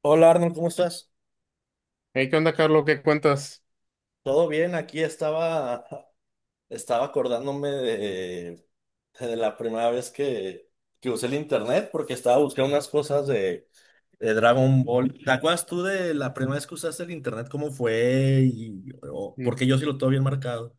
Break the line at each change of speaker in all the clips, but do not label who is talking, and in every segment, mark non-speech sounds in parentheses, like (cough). Hola Arnold, ¿cómo estás?
Hey, ¿qué onda, Carlos? ¿Qué cuentas?
¿Todo bien? Aquí estaba acordándome de la primera vez que usé el internet porque estaba buscando unas cosas de Dragon Ball. ¿Te acuerdas tú de la primera vez que usaste el internet? ¿Cómo fue? Y, o-
Mm,
porque yo sí lo tengo bien marcado.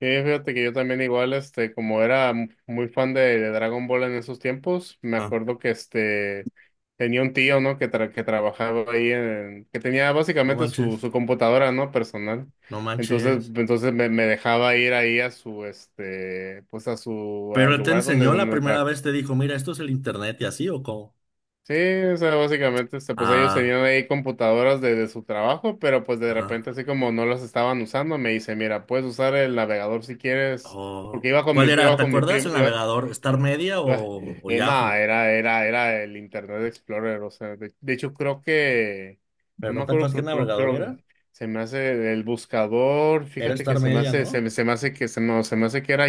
Fíjate que yo también igual, este, como era muy fan de Dragon Ball en esos tiempos, me
Ah.
acuerdo que este tenía un tío, ¿no? Que, que trabajaba ahí en, que tenía
No
básicamente
manches,
su, su computadora, ¿no? Personal.
no
Entonces,
manches.
entonces me dejaba ir ahí a su, este, pues
Pero
al
él te
lugar donde,
enseñó la
donde
primera
trabajaba.
vez, te dijo, mira, esto es el internet y así, ¿o cómo?
Sí, o sea, básicamente, este, pues ellos tenían
Ah,
ahí computadoras de su trabajo, pero pues de
ajá.
repente, así como no las estaban usando, me dice, mira, puedes usar el navegador si quieres, porque
Oh,
iba con mi,
¿cuál era?
iba
¿Te
con mi
acuerdas
primo,
el navegador? ¿Star Media
iba-
o
nada,
Yahoo?
era el Internet Explorer, o sea, de hecho
¿Pero
no me
no te
acuerdo.
acuerdas qué
creo, creo,
navegador
creo,
era?
que se me hace el buscador,
Era
fíjate que
Star Media, ¿no?
se me hace que, no, se me hace que era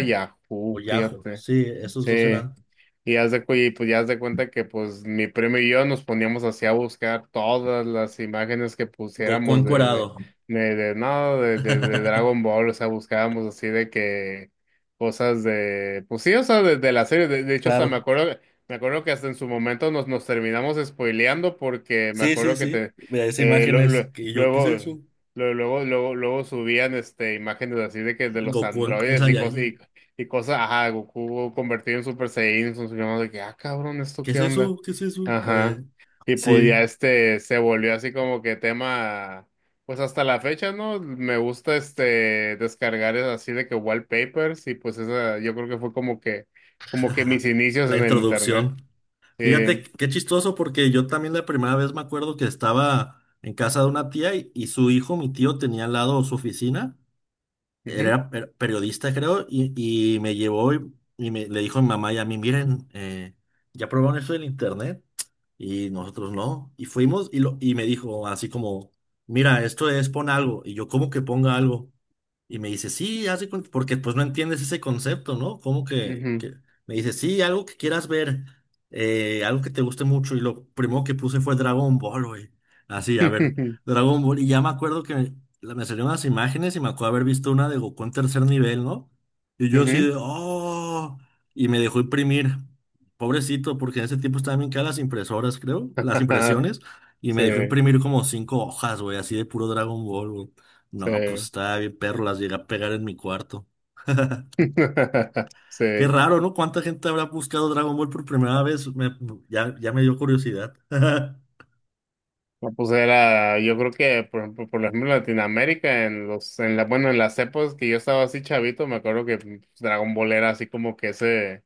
O
Yahoo,
Yahoo.
fíjate,
Sí, esos
sí.
dos eran.
Y, y pues ya haz de cuenta que pues mi primo y yo nos poníamos así a buscar todas las imágenes que
Goku
pusiéramos
encuerado.
no, de Dragon
(laughs)
Ball, o sea, buscábamos así de que cosas de, pues sí, o sea, de la serie, de hecho, hasta me
Claro.
acuerdo, me acuerdo que hasta en su momento nos terminamos spoileando porque me
Sí, sí,
acuerdo que
sí. Mira, esas
eh, lo-
imágenes
lo-
que yo, ¿qué es
luego,
eso?
luego subían este, imágenes así de que de los
Goku en
androides y cosas,
Saiyajin.
ajá, Goku convertido en Super Saiyan, sus llamados de que, ah, cabrón, ¿esto
¿Qué es
qué onda?
eso? ¿Qué es eso?
Ajá.
Eh,
Y pues
sí.
ya este se volvió así como que tema, pues hasta la fecha, ¿no? Me gusta este descargar es así de que wallpapers y pues esa, yo creo que fue como que
(laughs)
mis inicios
La
en el internet.
introducción.
Eh,
Fíjate qué chistoso porque yo también la primera vez me acuerdo que estaba en casa de una tía y su hijo, mi tío, tenía al lado su oficina.
Ujú,
Era periodista, creo, y me llevó y le dijo a mi mamá y a mí, miren, ya probaron eso del internet y nosotros no. Y fuimos y me dijo así como, mira, esto es pon algo. Y yo, ¿cómo que ponga algo? Y me dice, sí, haz de cuenta, porque pues no entiendes ese concepto, ¿no? ¿Cómo que,
ujú,
que? Me dice, sí, algo que quieras ver, algo que te guste mucho. Y lo primero que puse fue Dragon Ball, güey. Así, a ver. Dragon Ball. Y ya me acuerdo que me salieron las imágenes y me acuerdo haber visto una de Goku en tercer nivel, ¿no? Y
(laughs)
yo así
ujú,
de, ¡oh! Y me dejó imprimir. Pobrecito, porque en ese tiempo estaban bien caras las impresoras, creo, las
(laughs)
impresiones. Y me
sí,
dejó imprimir como cinco hojas, güey, así de puro Dragon Ball, güey.
sí,
No, pues estaba bien perro, las llegué a pegar en mi cuarto.
(laughs)
Qué
sí.
raro, ¿no? ¿Cuánta gente habrá buscado Dragon Ball por primera vez? Ya me dio curiosidad. (laughs)
No, pues era, yo creo que, por ejemplo, en Latinoamérica, en los, en la, bueno, en las épocas que yo estaba así chavito, me acuerdo que pues, Dragon Ball era así como que ese,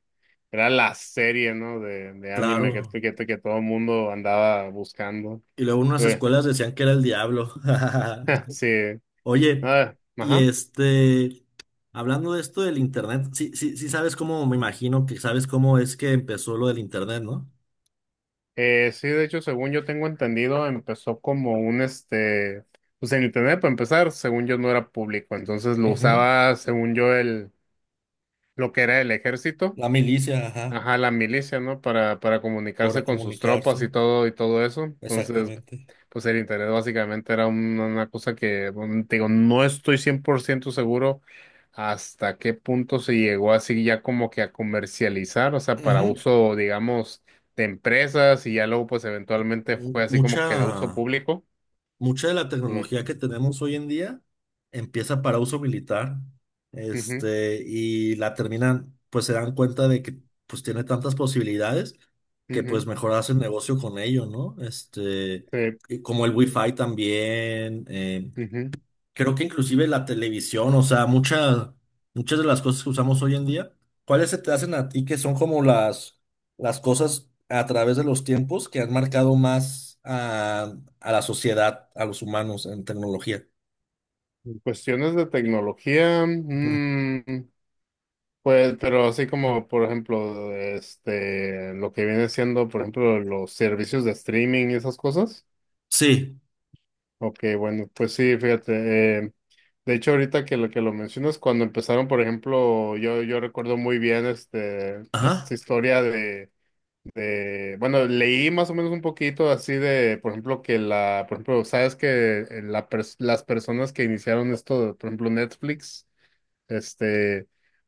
era la serie, ¿no? De anime que,
Claro.
que, que todo el mundo andaba buscando.
Y luego unas
Güey,
escuelas decían que era el diablo.
(laughs)
(laughs)
sí,
Oye,
ah,
y
ajá.
hablando de esto del internet, sí, sí, sí sabes cómo, me imagino que sabes cómo es que empezó lo del internet, ¿no?
Sí, de hecho, según yo tengo entendido, empezó como este, pues en internet, para empezar, según yo no era público, entonces lo
Ujú.
usaba, según yo, lo que era el ejército.
La milicia, ajá,
Ajá, la milicia, ¿no? Para comunicarse
para
con sus tropas
comunicarse,
y todo eso. Entonces,
exactamente.
pues el internet básicamente era una cosa que, bueno, te digo, no estoy 100% seguro hasta qué punto se llegó así ya como que a comercializar, o sea, para
Ujú.
uso, digamos, de empresas y ya luego pues eventualmente fue
Mu-
así como
Mucha.
que de uso público.
Mucha de la
Mm,
tecnología que tenemos hoy en día empieza para uso militar,
ujú,
y la terminan, pues se dan cuenta de que pues tiene tantas posibilidades que pues
ujú,
mejor hacen negocio con ello, ¿no?
sí,
Y como el Wi-Fi también,
ujú.
creo que inclusive la televisión, o sea, muchas de las cosas que usamos hoy en día, ¿cuáles se te hacen a ti que son como las cosas a través de los tiempos que han marcado más a la sociedad, a los humanos en tecnología?
En cuestiones de tecnología.
Ujú.
Pues, pero así como, por ejemplo, este, lo que viene siendo, por ejemplo, los servicios de streaming y esas cosas.
Sí,
Ok, bueno, pues sí, fíjate. eh, de hecho, ahorita que lo mencionas, cuando empezaron, por ejemplo, yo recuerdo muy bien este, esta
ajá.
historia de, bueno, leí más o menos un poquito así de, por ejemplo, que por ejemplo, sabes que las personas que iniciaron esto, por ejemplo, Netflix. Este,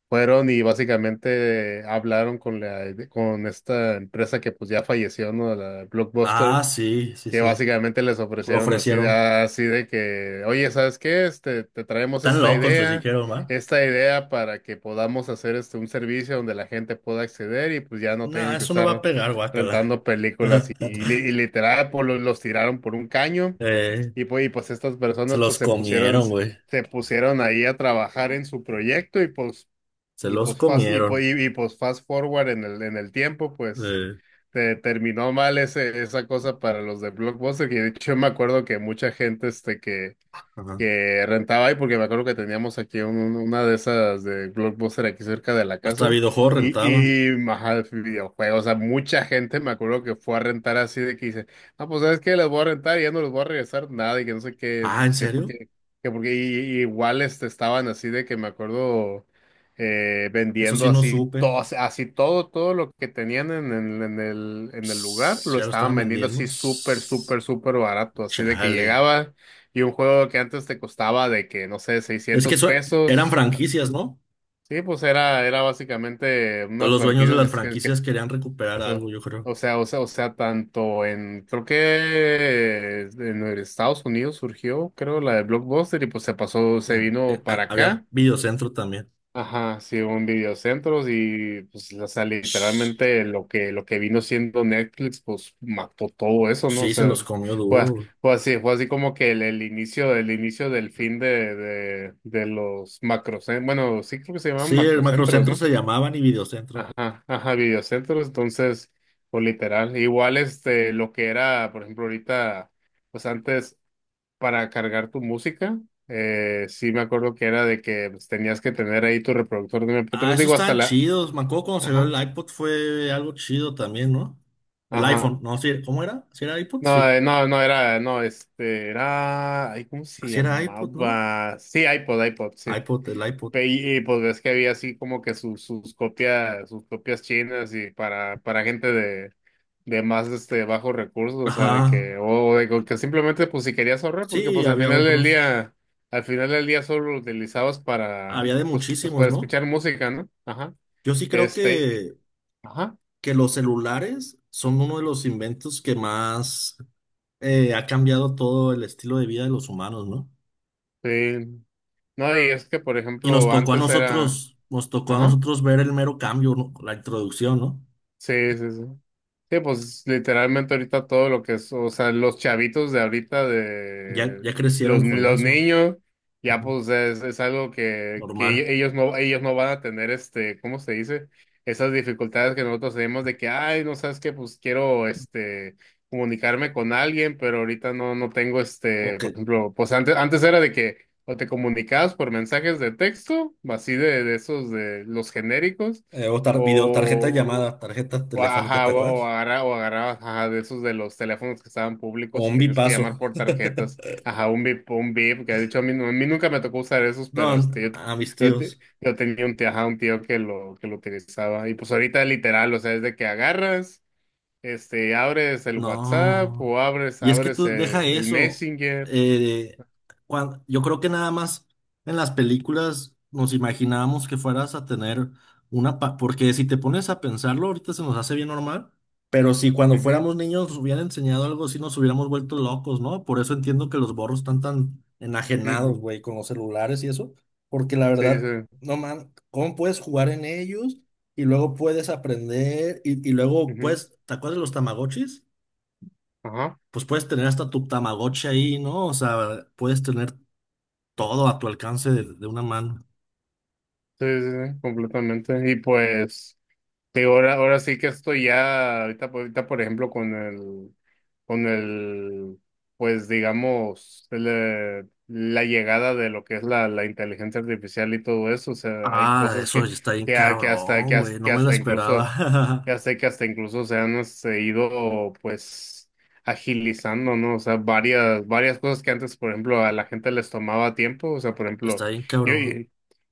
fueron y básicamente hablaron con esta empresa que pues ya falleció, ¿no? La Blockbuster,
Ah, sí, sí,
que
sí.
básicamente les
Lo
ofrecieron así de,
ofrecieron.
ah, así de que, oye, ¿sabes qué? Este, te traemos
Tan
esta
locos les
idea,
dijeron, ¿va?
para que podamos hacer este un servicio donde la gente pueda acceder y pues ya no
No,
tengan que
eso no va a
estar
pegar, guácala.
rentando películas y,
(laughs)
y literal pues, los tiraron por un caño
Eh,
y pues estas
Se
personas pues
los
se pusieron,
comieron, güey.
se pusieron ahí a trabajar en su proyecto y pues,
Se los comieron.
pues fast forward en el tiempo, pues
Eh,
te terminó mal ese, esa cosa para los de Blockbuster. Y de hecho me acuerdo que mucha gente este, que,
ajá.
que rentaba ahí, porque me acuerdo que teníamos aquí un- una de esas de Blockbuster aquí cerca de la
Hasta
casa.
videojuegos
Y,
rentaba.
y, ajá, videojuegos, o sea, mucha gente me acuerdo que fue a rentar así de que dice, ah, pues sabes que les voy a rentar y ya no les voy a regresar nada y que no sé qué,
Ah, ¿en
que
serio?
porque, que porque y igual este, estaban así de que me acuerdo
Eso
vendiendo
sí no
así
supe.
todo, todo lo que tenían en, en el lugar,
Ps,
lo
ya lo
estaban
estaban
vendiendo
vendiendo.
así súper,
Ps,
súper, súper barato, así de que
chale.
llegaba. Y un juego que antes te costaba de que, no sé,
Es que
600
eso eran
pesos.
franquicias, ¿no?
Sí, pues era, era básicamente unas
Los dueños de las
franquicias que,
franquicias querían
o
recuperar
sea,
algo, yo creo.
creo que en Estados Unidos surgió, creo, la de Blockbuster y pues se pasó, se vino para
Había
acá.
videocentro también.
Ajá, sí, hubo en videocentros y pues, o sea,
Ps,
literalmente lo que vino siendo Netflix, pues mató todo eso, ¿no? O
sí, se
sea,
los comió
fue,
duro.
fue así como que el inicio del fin de los macrocentros, bueno, sí creo que se llaman
Sí, el
macrocentros,
macrocentro
¿no?
se llamaban y videocentro.
Ajá, ajá, videocentros, entonces, pues literal, igual este, lo que era, por ejemplo, ahorita, pues antes para cargar tu música. Sí me acuerdo que era de que pues, tenías que tener ahí tu reproductor de
Ah,
MP3,
esos
digo, hasta
estaban
la...
chidos. Me acuerdo cuando salió
Ajá,
el iPod fue algo chido también, ¿no? El
ajá.
iPhone, no, sí, ¿cómo era? ¿Sí era iPod?
No,
Sí.
no era, no, este, era, ay, ¿cómo se
Sí era iPod, ¿no?
llamaba? Sí, iPod, iPod, sí.
iPod, el iPod.
Y, pues ves que había así como que sus, sus copias sus copias chinas y para gente de más este bajos recursos, o sea, de
Ajá.
que, o de que simplemente pues si querías ahorrar, porque
Sí,
pues al
había
final del
otros.
día, al final del día solo lo utilizabas para,
Había de
pues
muchísimos,
para
¿no?
escuchar música, ¿no? Ajá.
Yo sí creo
Este,
que,
ajá.
que los celulares son uno de los inventos que más ha cambiado todo el estilo de vida de los humanos, ¿no?
Sí. No, y es que por
Y nos
ejemplo,
tocó a
antes era,
nosotros, nos tocó a
ajá.
nosotros ver el mero cambio, ¿no? La introducción, ¿no?
Sí, sí, sí. Sí, pues literalmente ahorita todo lo que es, o sea, los chavitos de ahorita,
Ya,
de
ya
los,
crecieron con
los
eso.
niños, ya
Ujú.
pues es algo que ello-
Normal.
ellos no, ellos no van a tener este, ¿cómo se dice? Esas dificultades que nosotros tenemos de que, ay, no sabes qué, pues quiero este comunicarme con alguien, pero ahorita no, no tengo
O
este,
que,
por ejemplo, pues antes, antes era de que o te comunicabas por mensajes de texto, así de esos de los genéricos.
o tar- video, tarjeta de
O,
llamada, tarjeta telefónica,
ajá,
¿te
o, o
acuerdas?
agarra- o agarrabas ajá, de esos de los teléfonos que estaban
O
públicos y
un
tenías que
bipaso.
llamar por
(laughs)
tarjetas. Ajá, un VIP, un VIP, que de hecho a mí, a mí nunca me tocó usar esos,
No,
pero este, yo,
a mis
yo te-
tíos.
yo tenía un tío, ajá, un tío que lo utilizaba. Y pues ahorita literal, o sea, es de que agarras, este, abres el WhatsApp
No.
o abres,
Y es que
abres
tú
el,
deja
el
eso.
Messenger.
eh, yo creo que nada más en las películas nos imaginábamos que fueras a tener porque si te pones a pensarlo, ahorita se nos hace bien normal. Pero si cuando
Ujú,
fuéramos niños nos hubieran enseñado algo así, nos hubiéramos vuelto locos, ¿no? Por eso entiendo que los borros están tan enajenados,
ujú.
güey, con los celulares y eso. Porque la
Sí,
verdad,
sí.
no man, ¿cómo puedes jugar en ellos? Y luego puedes aprender y luego,
Ujú,
pues, ¿te acuerdas de los Tamagotchis?
ajá.
Pues puedes tener hasta tu Tamagotchi ahí, ¿no? O sea, puedes tener todo a tu alcance de una mano.
Sí, sí, sí, completamente. Y pues. Sí, ahora, ahora sí que estoy ya, ahorita, ahorita por ejemplo con el, con el, pues digamos, la llegada de lo que es la, la inteligencia artificial y todo eso, o sea, hay
Ah,
cosas
eso
que,
ya está bien
que, ha- que hasta,
cabrón,
que, has-
güey.
que
No me lo
hasta incluso,
esperaba.
ya sé que hasta incluso se han este, ido, pues, agilizando, ¿no? O sea, varias, varias cosas que antes, por ejemplo, a la gente les tomaba tiempo, o sea, por
(laughs)
ejemplo,
Está bien
yo,
cabrón.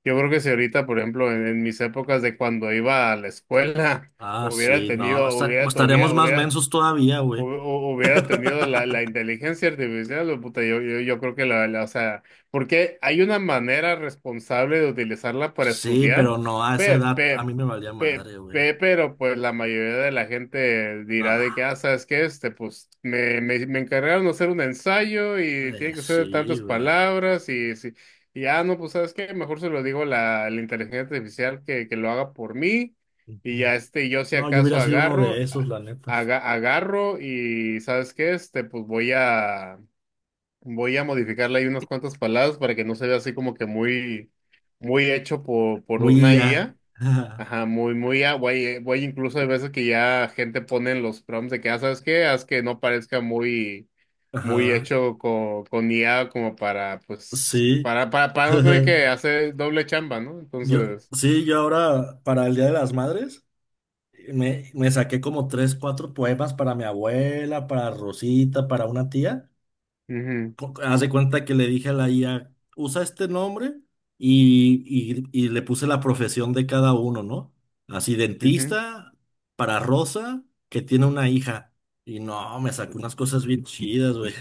yo creo que si ahorita, por ejemplo, en mis épocas de cuando iba a la escuela, (laughs)
Ah,
hubiera
sí, no.
tenido, hubiera, hubiera,
Estaríamos más
hubiera,
mensos todavía,
hu-
güey.
hu- hubiera tenido la, la
(laughs)
inteligencia artificial, o puta, yo, yo creo que la, o sea, porque hay una manera responsable de utilizarla para
Sí,
estudiar,
pero no, a esa
pe,
edad a
pe,
mí me valía
pe-
madre, güey.
pe- pero pues la mayoría de la gente dirá
No,
de que, ah, ¿sabes qué? Este, pues me, me encargaron de hacer un ensayo y tiene que ser de
sí,
tantas
güey.
palabras y, y ah, no, pues ¿sabes qué? Mejor se lo digo a la inteligencia artificial que lo haga por mí. Y
Ujú.
ya este, yo si
No, yo
acaso
hubiera sido uno de
agarro,
esos, la neta.
agarro y ¿sabes qué? Este, pues voy a, voy a modificarle ahí unas cuantas palabras para que no se vea así como que muy muy hecho por
Muy
una
IA.
IA.
(laughs)
Ajá, muy, voy, voy incluso hay veces que ya gente pone en los prompts de que, ah, ¿sabes qué? Haz que no parezca muy, muy
Ajá,
hecho con IA como para, pues,
sí.
para no tener que
(laughs)
hacer doble chamba, ¿no? Entonces,
Sí, yo ahora para el Día de las Madres me saqué como tres, cuatro poemas para mi abuela, para Rosita, para una tía.
mhm.
Haz de cuenta que le dije a la IA, usa este nombre y le puse la profesión de cada uno, ¿no? Así,
Mhm.
dentista para Rosa, que tiene una hija. Y no, me sacó unas cosas bien chidas, güey.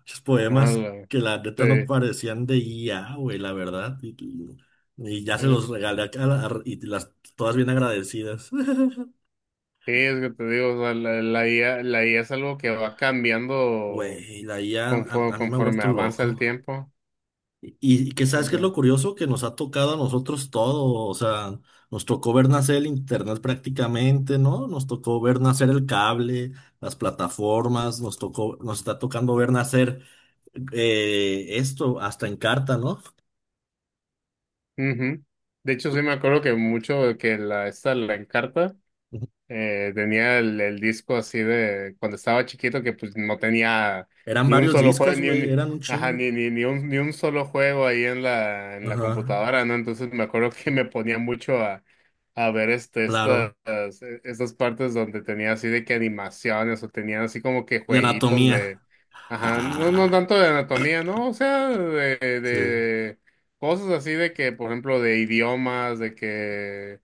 Muchos poemas que la neta no parecían de guía, güey, la verdad. Y ya se los regalé y las todas bien agradecidas. (laughs)
Sí, es que te digo, o sea, la, la IA es algo que va cambiando
Güey, la IA a, a
conforme,
a mí me ha
conforme
vuelto
avanza el
loco.
tiempo.
Y, y que
O
sabes qué es
sea,
lo curioso que nos ha tocado a nosotros todo. O sea, nos tocó ver nacer el internet prácticamente, ¿no? Nos tocó ver nacer el cable, las
mm,
plataformas, nos tocó, nos está tocando ver nacer esto hasta en carta, ¿no?
ujú. De hecho, sí me acuerdo que mucho de que esta, la Encarta. Tenía el disco así de cuando estaba chiquito que pues no tenía
Eran
ni un
varios
solo juego,
discos,
ni
güey,
un,
eran un
ajá,
chingo.
ni un solo juego ahí en la
Ajá,
computadora, ¿no? Entonces me acuerdo que me ponía mucho a ver este, estas,
claro.
e, estas partes donde tenía así de que animaciones o tenían así como que
De
jueguitos
anatomía.
de, ajá, no, no tanto
(laughs)
de anatomía, ¿no? O sea,
Sí.
de cosas así de que, por ejemplo, de idiomas, de que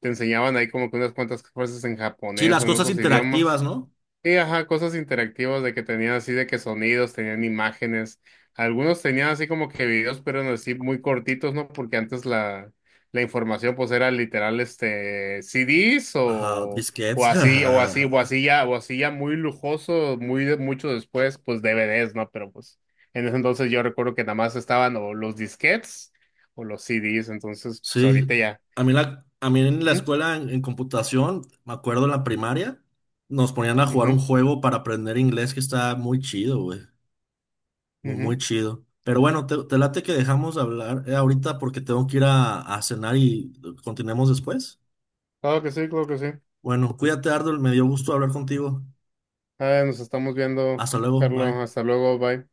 te enseñaban ahí como que unas cuantas cosas en
Sí,
japonés o
las
en
cosas
otros
interactivas,
idiomas.
¿no?
Y ajá, cosas interactivas de que tenían así de que sonidos, tenían imágenes. Algunos tenían así como que videos, pero eran así muy cortitos, ¿no? Porque antes la, la información pues era literal este CDs
Ajá,
o,
disquetes. (laughs)
o así ya muy lujoso, mucho después, pues DVDs, ¿no? Pero pues en ese entonces yo recuerdo que nada más estaban o los disquetes o los CDs, entonces pues
Sí.
ahorita ya.
A mí en la
Ujú,
escuela en computación, me acuerdo en la primaria, nos ponían a jugar un
ujú.
juego para aprender inglés que está muy chido, güey. Muy, muy
Ujú.
chido. Pero bueno, te late que dejamos de hablar ahorita porque tengo que ir a cenar y continuemos después.
Claro que sí, claro que sí.
Bueno, cuídate, Ardol, me dio gusto hablar contigo.
Ah, nos estamos viendo,
Hasta luego,
Carlos.
bye.
Hasta luego, bye.